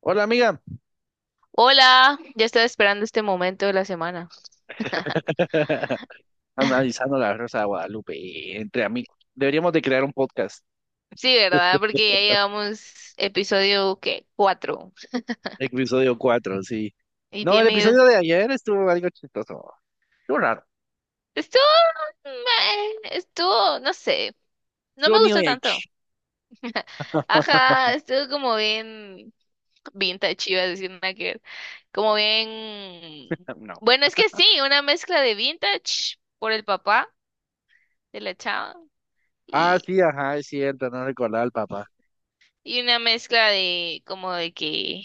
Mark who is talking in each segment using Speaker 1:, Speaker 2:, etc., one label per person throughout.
Speaker 1: Hola amiga,
Speaker 2: Hola, ya estaba esperando este momento de la semana.
Speaker 1: analizando la Rosa de Guadalupe entre amigos. Deberíamos de crear un podcast,
Speaker 2: Sí, ¿verdad? Porque ya llevamos episodio, ¿qué? Cuatro.
Speaker 1: episodio cuatro, sí.
Speaker 2: Y
Speaker 1: No, el episodio
Speaker 2: tiene...
Speaker 1: de ayer estuvo algo chistoso. Estuvo raro.
Speaker 2: Estuvo... Estuvo, no sé. No
Speaker 1: Estuvo
Speaker 2: me
Speaker 1: New
Speaker 2: gustó tanto.
Speaker 1: Age.
Speaker 2: Ajá, estuvo como bien... vintage, iba a decir nada que ver. Como bien...
Speaker 1: No.
Speaker 2: bueno, es que sí, una mezcla de vintage por el papá de la chava
Speaker 1: Ah,
Speaker 2: y,
Speaker 1: sí, ajá, es cierto, no recordaba al papá.
Speaker 2: una mezcla de como de que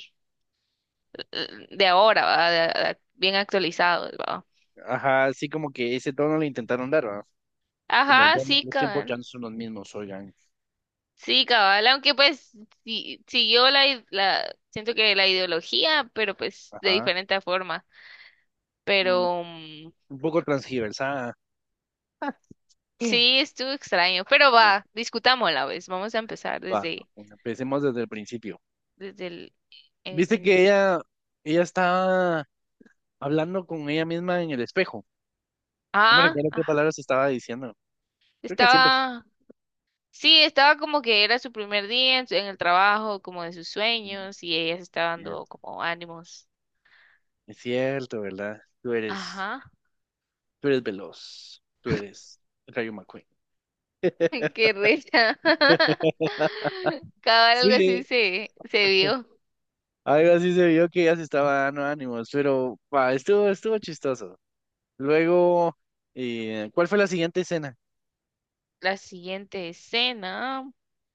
Speaker 2: de ahora, ¿va? Bien actualizados, ¿va?
Speaker 1: Ajá, sí, como que ese tono le intentaron dar, ¿verdad? Como
Speaker 2: Ajá,
Speaker 1: ya no,
Speaker 2: sí,
Speaker 1: los tiempos
Speaker 2: cabal.
Speaker 1: ya no son los mismos, oigan.
Speaker 2: Sí, cabal, aunque pues sí, siguió siento que la ideología, pero pues de
Speaker 1: Ajá.
Speaker 2: diferente forma.
Speaker 1: Mm,
Speaker 2: Pero
Speaker 1: un poco transgiversada. Sí.
Speaker 2: sí, estuvo extraño. Pero
Speaker 1: No,
Speaker 2: va, discutámosla, ¿ves? Vamos a empezar
Speaker 1: va, empecemos desde el principio.
Speaker 2: desde el
Speaker 1: Viste que
Speaker 2: inicio.
Speaker 1: ella está hablando con ella misma en el espejo. No me
Speaker 2: Ah,
Speaker 1: recuerdo qué
Speaker 2: ah,
Speaker 1: palabras estaba diciendo. Creo que siempre.
Speaker 2: estaba, sí, estaba como que era su primer día en, en el trabajo, como de sus sueños,
Speaker 1: Es
Speaker 2: y ella se estaba dando
Speaker 1: cierto,
Speaker 2: como ánimos.
Speaker 1: es cierto, ¿verdad? Tú eres,
Speaker 2: Ajá.
Speaker 1: tú eres veloz. Tú eres Rayo McQueen.
Speaker 2: Qué risa. Cabal, algo así
Speaker 1: Sí,
Speaker 2: se vio.
Speaker 1: algo así se vio que ya se estaba dando ánimos, pero pa, estuvo chistoso. Luego, ¿cuál fue la siguiente escena?
Speaker 2: La siguiente escena.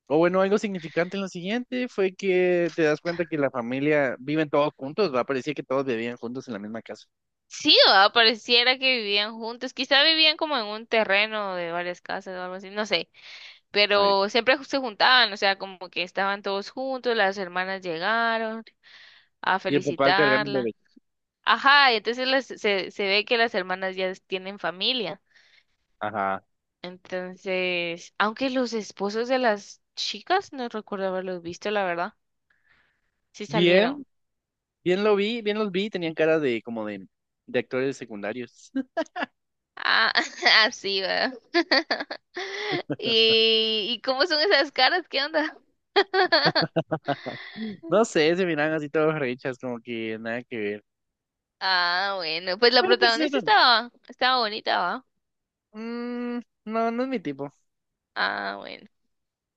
Speaker 1: O bueno, algo significante en lo siguiente fue que te das cuenta que la familia viven todos juntos, va, parecía que todos vivían juntos en la misma casa.
Speaker 2: Sí, ¿verdad? Pareciera que vivían juntos. Quizá vivían como en un terreno de varias casas o algo así, no sé.
Speaker 1: Ay.
Speaker 2: Pero siempre se juntaban, o sea, como que estaban todos juntos, las hermanas llegaron a
Speaker 1: Y el papá cargando un bebé.
Speaker 2: felicitarla. Ajá, y entonces se ve que las hermanas ya tienen familia.
Speaker 1: Ajá.
Speaker 2: Entonces, aunque los esposos de las chicas no recuerdo haberlos visto, la verdad. Sí salieron.
Speaker 1: Bien, bien los vi, tenían cara de como de actores secundarios.
Speaker 2: Ah, así, ¿verdad? ¿Y cómo son esas caras? ¿Qué onda?
Speaker 1: No sé, se miran así todos rechas, como que nada que ver.
Speaker 2: Ah, bueno, pues la
Speaker 1: Pero pues
Speaker 2: protagonista
Speaker 1: eran,
Speaker 2: estaba bonita, ¿va?
Speaker 1: mm, no, no es mi tipo.
Speaker 2: Ah, bueno,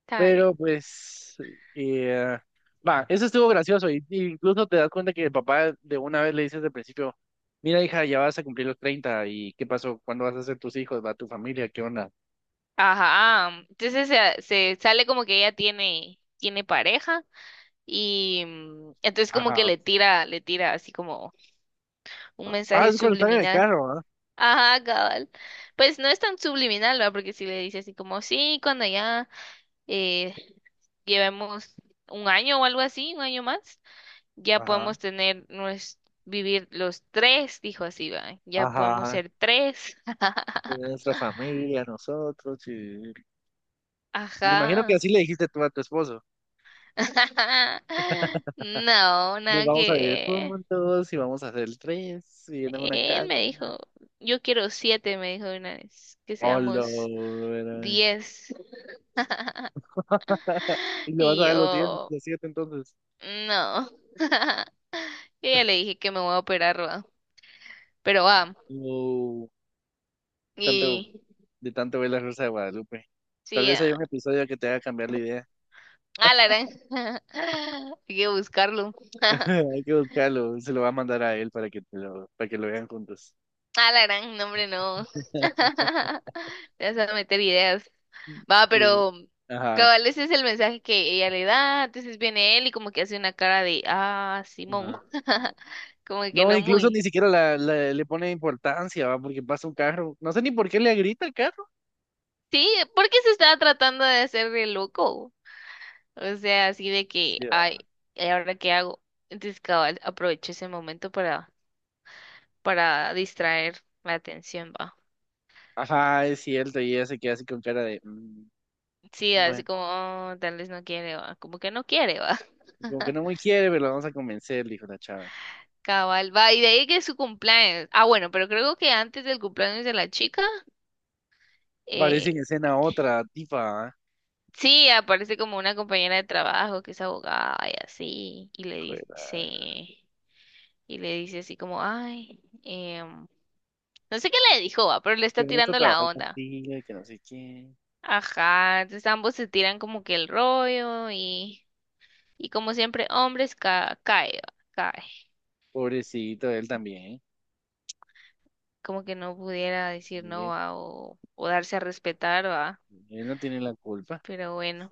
Speaker 2: está
Speaker 1: Pero
Speaker 2: bien.
Speaker 1: pues, eh, va, eso estuvo gracioso. Y incluso te das cuenta que el papá de una vez le dice desde el principio, mira hija, ya vas a cumplir los 30 y ¿qué pasó? ¿Cuándo vas a hacer tus hijos? ¿Va tu familia? ¿Qué onda?
Speaker 2: Ajá, entonces se sale como que ella tiene pareja y entonces como que
Speaker 1: Ajá.
Speaker 2: le tira así como un
Speaker 1: Ah,
Speaker 2: mensaje
Speaker 1: es cuando están en el
Speaker 2: subliminal.
Speaker 1: carro, ¿ah?
Speaker 2: Ajá, cabal. Pues no es tan subliminal, ¿verdad? Porque si le dice así como, sí, cuando ya eh, llevemos un año o algo así, un año más, ya
Speaker 1: Ajá.
Speaker 2: podemos tener vivir los tres, dijo así, va, ya podemos
Speaker 1: Ajá.
Speaker 2: ser tres.
Speaker 1: Nuestra familia, nosotros, sí. Me imagino que
Speaker 2: Ajá.
Speaker 1: así le dijiste tú a tu esposo.
Speaker 2: No,
Speaker 1: Nos
Speaker 2: nada
Speaker 1: vamos
Speaker 2: que
Speaker 1: a vivir
Speaker 2: ver.
Speaker 1: juntos y vamos a hacer tres y en una
Speaker 2: Él
Speaker 1: casa.
Speaker 2: me dijo, yo quiero siete, me dijo de una vez, que
Speaker 1: Hola.
Speaker 2: seamos
Speaker 1: Verá.
Speaker 2: 10.
Speaker 1: Y le vas
Speaker 2: Y
Speaker 1: a dar los 10,
Speaker 2: yo,
Speaker 1: los 7 entonces.
Speaker 2: no. Yo ya le dije que me voy a operar, va. Pero va.
Speaker 1: No, tanto,
Speaker 2: Y
Speaker 1: de tanto ver la Rosa de Guadalupe. Tal
Speaker 2: sí,
Speaker 1: vez haya
Speaker 2: ah,
Speaker 1: un episodio que te haga cambiar la idea.
Speaker 2: ah, la gran. Hay que buscarlo.
Speaker 1: Hay que buscarlo. Se lo va a mandar a él para que, lo vean juntos.
Speaker 2: Ah, la gran, no, hombre, no. Te vas a meter ideas. Va,
Speaker 1: Y-
Speaker 2: pero
Speaker 1: ajá.
Speaker 2: cabal, ese es el mensaje que ella le da. Entonces viene él y como que hace una cara de, ah,
Speaker 1: No,
Speaker 2: Simón.
Speaker 1: no.
Speaker 2: Como que
Speaker 1: No,
Speaker 2: no
Speaker 1: incluso ni
Speaker 2: muy.
Speaker 1: siquiera le pone importancia, ¿va? Porque pasa un carro. No sé ni por qué le grita al carro.
Speaker 2: Sí, porque se estaba tratando de hacer de loco. O sea, así de que,
Speaker 1: Sí, va.
Speaker 2: ay, ¿y ahora qué hago? Entonces cabal, aprovecho ese momento para distraer la atención, va.
Speaker 1: Ajá, es cierto, y ella se queda así con cara de, "Mm,
Speaker 2: Sí,
Speaker 1: bueno,
Speaker 2: así como, "Oh, tal vez no quiere, va. Como que no quiere, va".
Speaker 1: como que no muy quiere, pero la vamos a convencer", dijo la chava.
Speaker 2: Cabal, va. Y de ahí que es su cumpleaños. Ah, bueno, pero creo que antes del cumpleaños de la chica,
Speaker 1: Aparece
Speaker 2: eh,
Speaker 1: en escena otra tipa, ¿ah?
Speaker 2: sí, aparece como una compañera de trabajo que es abogada y así. Y le
Speaker 1: Joder,
Speaker 2: dice, y le dice así como, ay, no sé qué le dijo, va, pero le
Speaker 1: que
Speaker 2: está
Speaker 1: bonito
Speaker 2: tirando la
Speaker 1: trabajar
Speaker 2: onda.
Speaker 1: contigo y que no sé qué.
Speaker 2: Ajá, entonces ambos se tiran como que el rollo y, como siempre, hombres ca cae, va, cae.
Speaker 1: Pobrecito él también, ¿eh?
Speaker 2: Como que no pudiera decir
Speaker 1: Sí,
Speaker 2: no, ¿va? O, o darse a respetar, va.
Speaker 1: él no tiene la culpa.
Speaker 2: Pero bueno,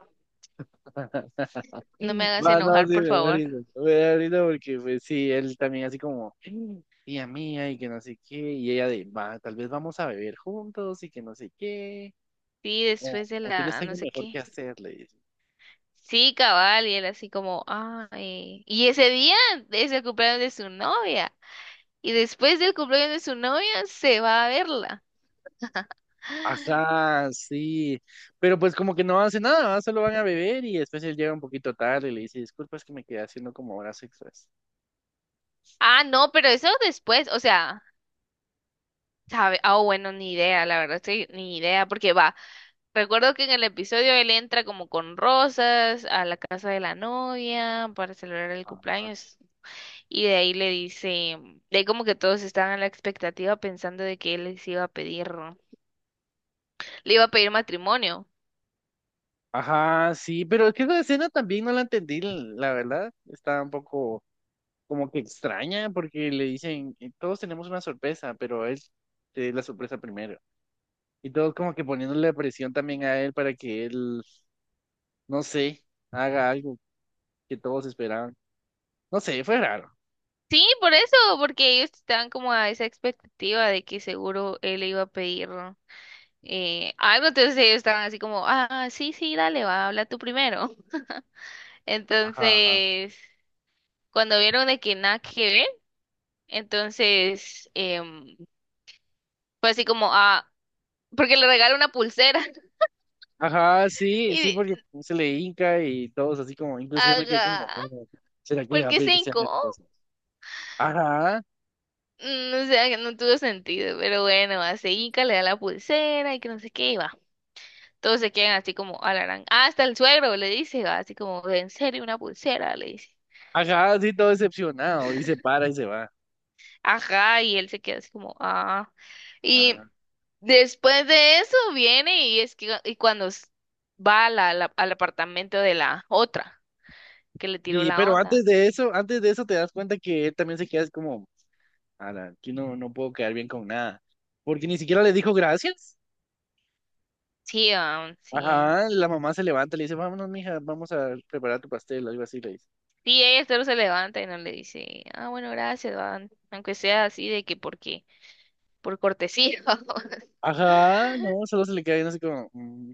Speaker 2: no me
Speaker 1: Sí.
Speaker 2: hagas
Speaker 1: Va, no,
Speaker 2: enojar,
Speaker 1: sí,
Speaker 2: por favor.
Speaker 1: me da risa porque, pues, sí, él también así como, tía mía, y que no sé qué, y ella de, va, tal vez vamos a beber juntos, y que no sé qué,
Speaker 2: Sí,
Speaker 1: o,
Speaker 2: después de
Speaker 1: o tienes
Speaker 2: la no
Speaker 1: algo
Speaker 2: sé
Speaker 1: mejor que
Speaker 2: qué.
Speaker 1: hacer, le dice.
Speaker 2: Sí, cabal, y él así como, ah, y ese día es el cumpleaños de su novia. Y después del cumpleaños de su novia se va a verla.
Speaker 1: Ajá, sí, pero pues como que no hace nada, ¿verdad? Solo van a beber y después él llega un poquito tarde y le dice, disculpa, es que me quedé haciendo como horas extras.
Speaker 2: Ah, no, pero eso después, o sea, sabe, ah, bueno, ni idea, la verdad, sí, ni idea, porque va. Recuerdo que en el episodio él entra como con rosas a la casa de la novia para celebrar el cumpleaños y de ahí le dice, de ahí como que todos estaban a la expectativa pensando de que él les iba a pedir, le iba a pedir matrimonio.
Speaker 1: Ajá, sí, pero es que esa escena también no la entendí, la verdad, está un poco como que extraña porque le dicen, todos tenemos una sorpresa, pero él te da la sorpresa primero. Y todos como que poniéndole presión también a él para que él, no sé, haga algo que todos esperaban. No sé, fue raro.
Speaker 2: Sí, por eso, porque ellos estaban como a esa expectativa de que seguro él le iba a pedir algo, entonces ellos estaban así como, ah, sí, sí, dale, va, habla tú primero.
Speaker 1: Ajá.
Speaker 2: Entonces, cuando vieron de que nada que ver, entonces... fue así como, ah, porque le regalé una pulsera.
Speaker 1: Ajá, sí, sí,
Speaker 2: Y,
Speaker 1: porque se le hinca y todos así como, incluso yo me quedé
Speaker 2: haga,
Speaker 1: como, "Oh, ¿será que le
Speaker 2: ¿por
Speaker 1: va a
Speaker 2: qué
Speaker 1: pedir que sea
Speaker 2: cinco?
Speaker 1: mi esposa? Ajá,
Speaker 2: No sé, que no tuvo sentido, pero bueno, hace Inca, le da la pulsera y que no sé qué, y va. Todos se quedan así como alarán, ah, hasta el suegro le dice, va, así como, ¿en serio una pulsera? Le dice.
Speaker 1: ajá, sí, todo decepcionado y se para y se va.
Speaker 2: Ajá, y él se queda así como, ah. Y
Speaker 1: Ajá.
Speaker 2: después de eso viene y es que, y cuando va a al apartamento de la otra, que le tiró
Speaker 1: Sí,
Speaker 2: la
Speaker 1: pero
Speaker 2: onda.
Speaker 1: antes de eso te das cuenta que él también se queda así como, ala, aquí no, no puedo quedar bien con nada, porque ni siquiera le dijo gracias.
Speaker 2: Sí, ah, sí.
Speaker 1: Ajá, la mamá se levanta y le dice, vámonos, mija, vamos a preparar tu pastel, algo así le dice.
Speaker 2: Sí, ella solo se levanta y no le dice, ah, bueno, gracias, va", aunque sea así de que porque, por cortesía. Vamos.
Speaker 1: Ajá, no, solo se le queda viendo así como, "Mm".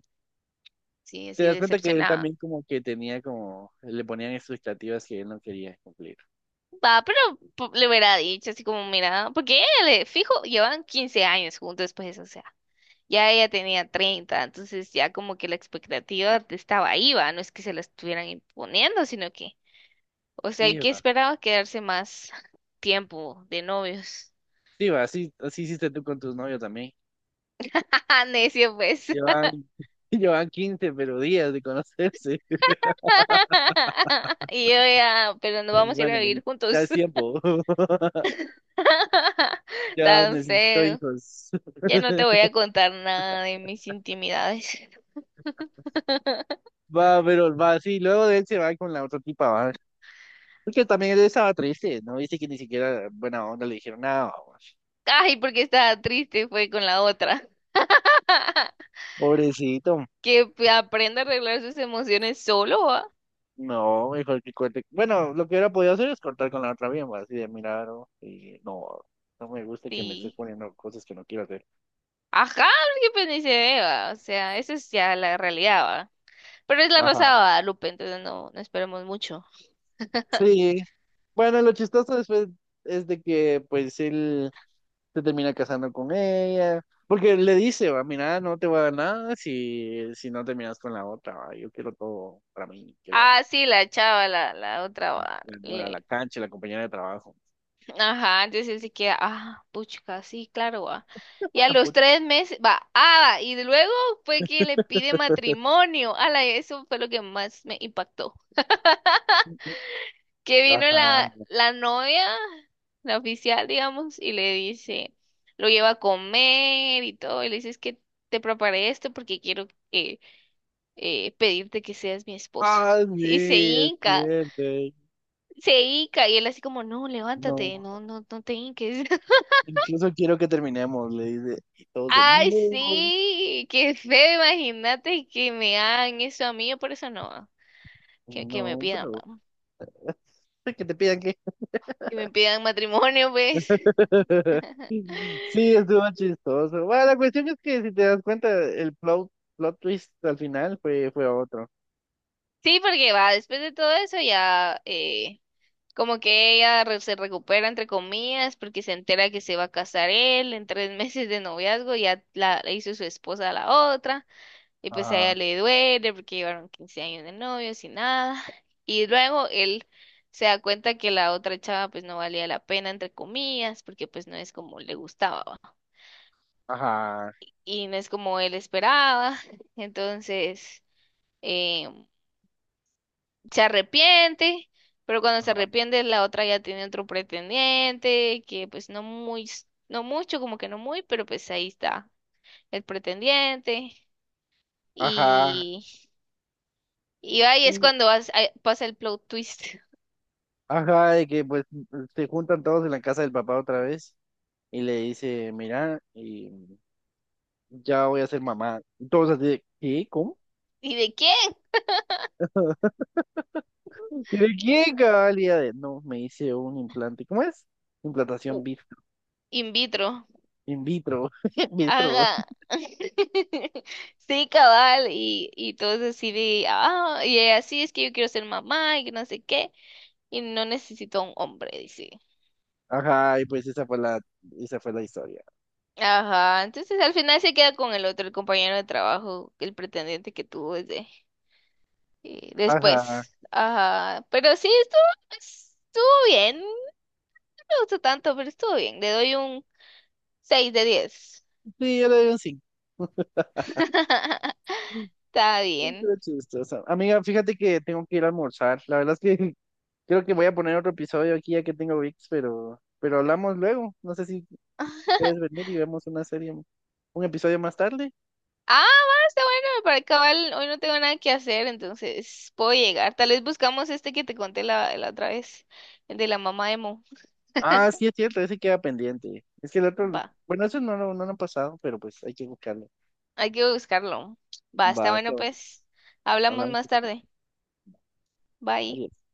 Speaker 2: Sí,
Speaker 1: Te
Speaker 2: así
Speaker 1: das cuenta que él
Speaker 2: decepcionada.
Speaker 1: también como que tenía como, le ponían expectativas que él no quería cumplir.
Speaker 2: Va, pero le hubiera dicho así como, mira, porque ella le, fijo, llevan 15 años juntos después, o sea, ya ella tenía 30, entonces ya como que la expectativa estaba ahí, va, no es que se la estuvieran imponiendo, sino que, o sea,
Speaker 1: Sí,
Speaker 2: que
Speaker 1: va.
Speaker 2: esperaba quedarse más tiempo de novios.
Speaker 1: Sí, va, así hiciste tú con tus novios también.
Speaker 2: Ah, necio, pues.
Speaker 1: Llevan, llevan 15 pero días de conocerse.
Speaker 2: Y yo ya, pero no
Speaker 1: Pero
Speaker 2: vamos a ir a
Speaker 1: bueno,
Speaker 2: vivir
Speaker 1: y ya
Speaker 2: juntos.
Speaker 1: es tiempo. Ya
Speaker 2: Tan
Speaker 1: necesito
Speaker 2: feo.
Speaker 1: hijos.
Speaker 2: Ya no te voy a contar nada de mis intimidades.
Speaker 1: Va, pero va, sí, luego de él se va con la otra tipa, va. Porque también él estaba triste, ¿no? Dice que ni siquiera buena onda le dijeron nada, va.
Speaker 2: Ay, porque estaba triste, fue con la otra.
Speaker 1: Pobrecito.
Speaker 2: Que aprenda a arreglar sus emociones solo, ¿va?
Speaker 1: No, mejor que corte. Bueno, lo que hubiera podido hacer es cortar con la otra misma, así de mirar, ¿no? Y no, no me gusta que me estés
Speaker 2: Sí.
Speaker 1: poniendo cosas que no quiero hacer.
Speaker 2: Ajá, porque pues ni se ve, ¿va? O sea, esa es ya la realidad, ¿va? Pero es la Rosa de
Speaker 1: Ajá.
Speaker 2: Guadalupe, entonces no, no esperemos mucho.
Speaker 1: Sí. Bueno, lo chistoso después es de que pues él se termina casando con ella, porque le dice, va, mira, no te voy a dar nada si no terminas con la otra, va, yo quiero todo para mí, que la,
Speaker 2: Ah, sí, la chava, la otra, ¿va?
Speaker 1: la nueva, la cancha, la compañera de trabajo.
Speaker 2: Ajá, entonces él se queda, ah, puchica, sí, claro, va. Y a los 3 meses, va, ah, y luego fue que le pide matrimonio. Ala, eso fue lo que más me impactó. Que vino
Speaker 1: Ajá.
Speaker 2: la novia, la oficial, digamos, y le dice, lo lleva a comer y todo, y le dice, es que te preparé esto porque quiero pedirte que seas mi esposo.
Speaker 1: Ah, sí,
Speaker 2: Y se
Speaker 1: es
Speaker 2: hinca,
Speaker 1: cierto.
Speaker 2: y él así como, no,
Speaker 1: No.
Speaker 2: levántate, no, no, no te hinques.
Speaker 1: Incluso quiero que terminemos, le dice. Y todos de,
Speaker 2: Ay,
Speaker 1: no,
Speaker 2: sí, qué feo, imagínate que me hagan eso a mí, yo por eso no, que me
Speaker 1: no,
Speaker 2: pidan,
Speaker 1: pero
Speaker 2: vamos,
Speaker 1: que te pidan que...
Speaker 2: que me pidan matrimonio, pues.
Speaker 1: Sí, estuvo chistoso. Bueno, la cuestión es que si te das cuenta, el plot twist al final fue otro.
Speaker 2: Sí, porque va, después de todo eso ya, como que ella se recupera, entre comillas, porque se entera que se va a casar él en tres meses de noviazgo, ya la hizo su esposa a la otra. Y pues a ella
Speaker 1: Ajá,
Speaker 2: le duele porque llevaron 15 años de novios y nada. Y luego él se da cuenta que la otra chava pues no valía la pena, entre comillas, porque pues no es como le gustaba, ¿va?
Speaker 1: ajá,
Speaker 2: Y no es como él esperaba. Entonces eh, se arrepiente, pero cuando se
Speaker 1: ajá,
Speaker 2: arrepiente la otra ya tiene otro pretendiente, que pues no muy, no mucho, como que no muy, pero pues ahí está el pretendiente.
Speaker 1: ajá.
Speaker 2: Y, y ahí es
Speaker 1: Sí,
Speaker 2: cuando ahí pasa el plot twist.
Speaker 1: ajá, de que pues se juntan todos en la casa del papá otra vez y le dice, mira, y ya voy a ser mamá. Y todos así, de, ¿qué? ¿Cómo?
Speaker 2: ¿Y de quién?
Speaker 1: ¿Y de qué cabalidades? No, me hice un implante. ¿Cómo es? Implantación
Speaker 2: U- in vitro.
Speaker 1: in vitro. In vitro.
Speaker 2: Haga. Sí, cabal. Y todos así de, ah, y ella, sí, es que yo quiero ser mamá y que no sé qué. Y no necesito a un hombre, dice.
Speaker 1: Ajá, y pues esa fue la historia.
Speaker 2: Ajá. Entonces al final se queda con el otro, el compañero de trabajo, el pretendiente que tuvo desde
Speaker 1: Ajá.
Speaker 2: después. Ajá. Pero sí, estuvo bien. No me gustó tanto, pero estuvo bien. Le doy un 6 de 10.
Speaker 1: Sí, yo le doy un 5.
Speaker 2: Está bien.
Speaker 1: Estuvo chistosa. Amiga, fíjate que tengo que ir a almorzar. La verdad es que creo que voy a poner otro episodio aquí ya que tengo VIX, pero hablamos luego. No sé si puedes venir y vemos una serie, un episodio más tarde.
Speaker 2: Ah, va, está bueno, para acabar, hoy no tengo nada que hacer, entonces puedo llegar. Tal vez buscamos este que te conté la otra vez, el de la mamá de Mo.
Speaker 1: Ah, sí, es cierto, ese queda pendiente. Es que el otro,
Speaker 2: Va,
Speaker 1: bueno, eso no, no, lo han pasado, pero pues hay que buscarlo.
Speaker 2: hay que buscarlo. Va, está
Speaker 1: Va, está
Speaker 2: bueno,
Speaker 1: bueno.
Speaker 2: pues. Hablamos
Speaker 1: Hablamos
Speaker 2: más
Speaker 1: esa noche.
Speaker 2: tarde. Bye.
Speaker 1: Adiós.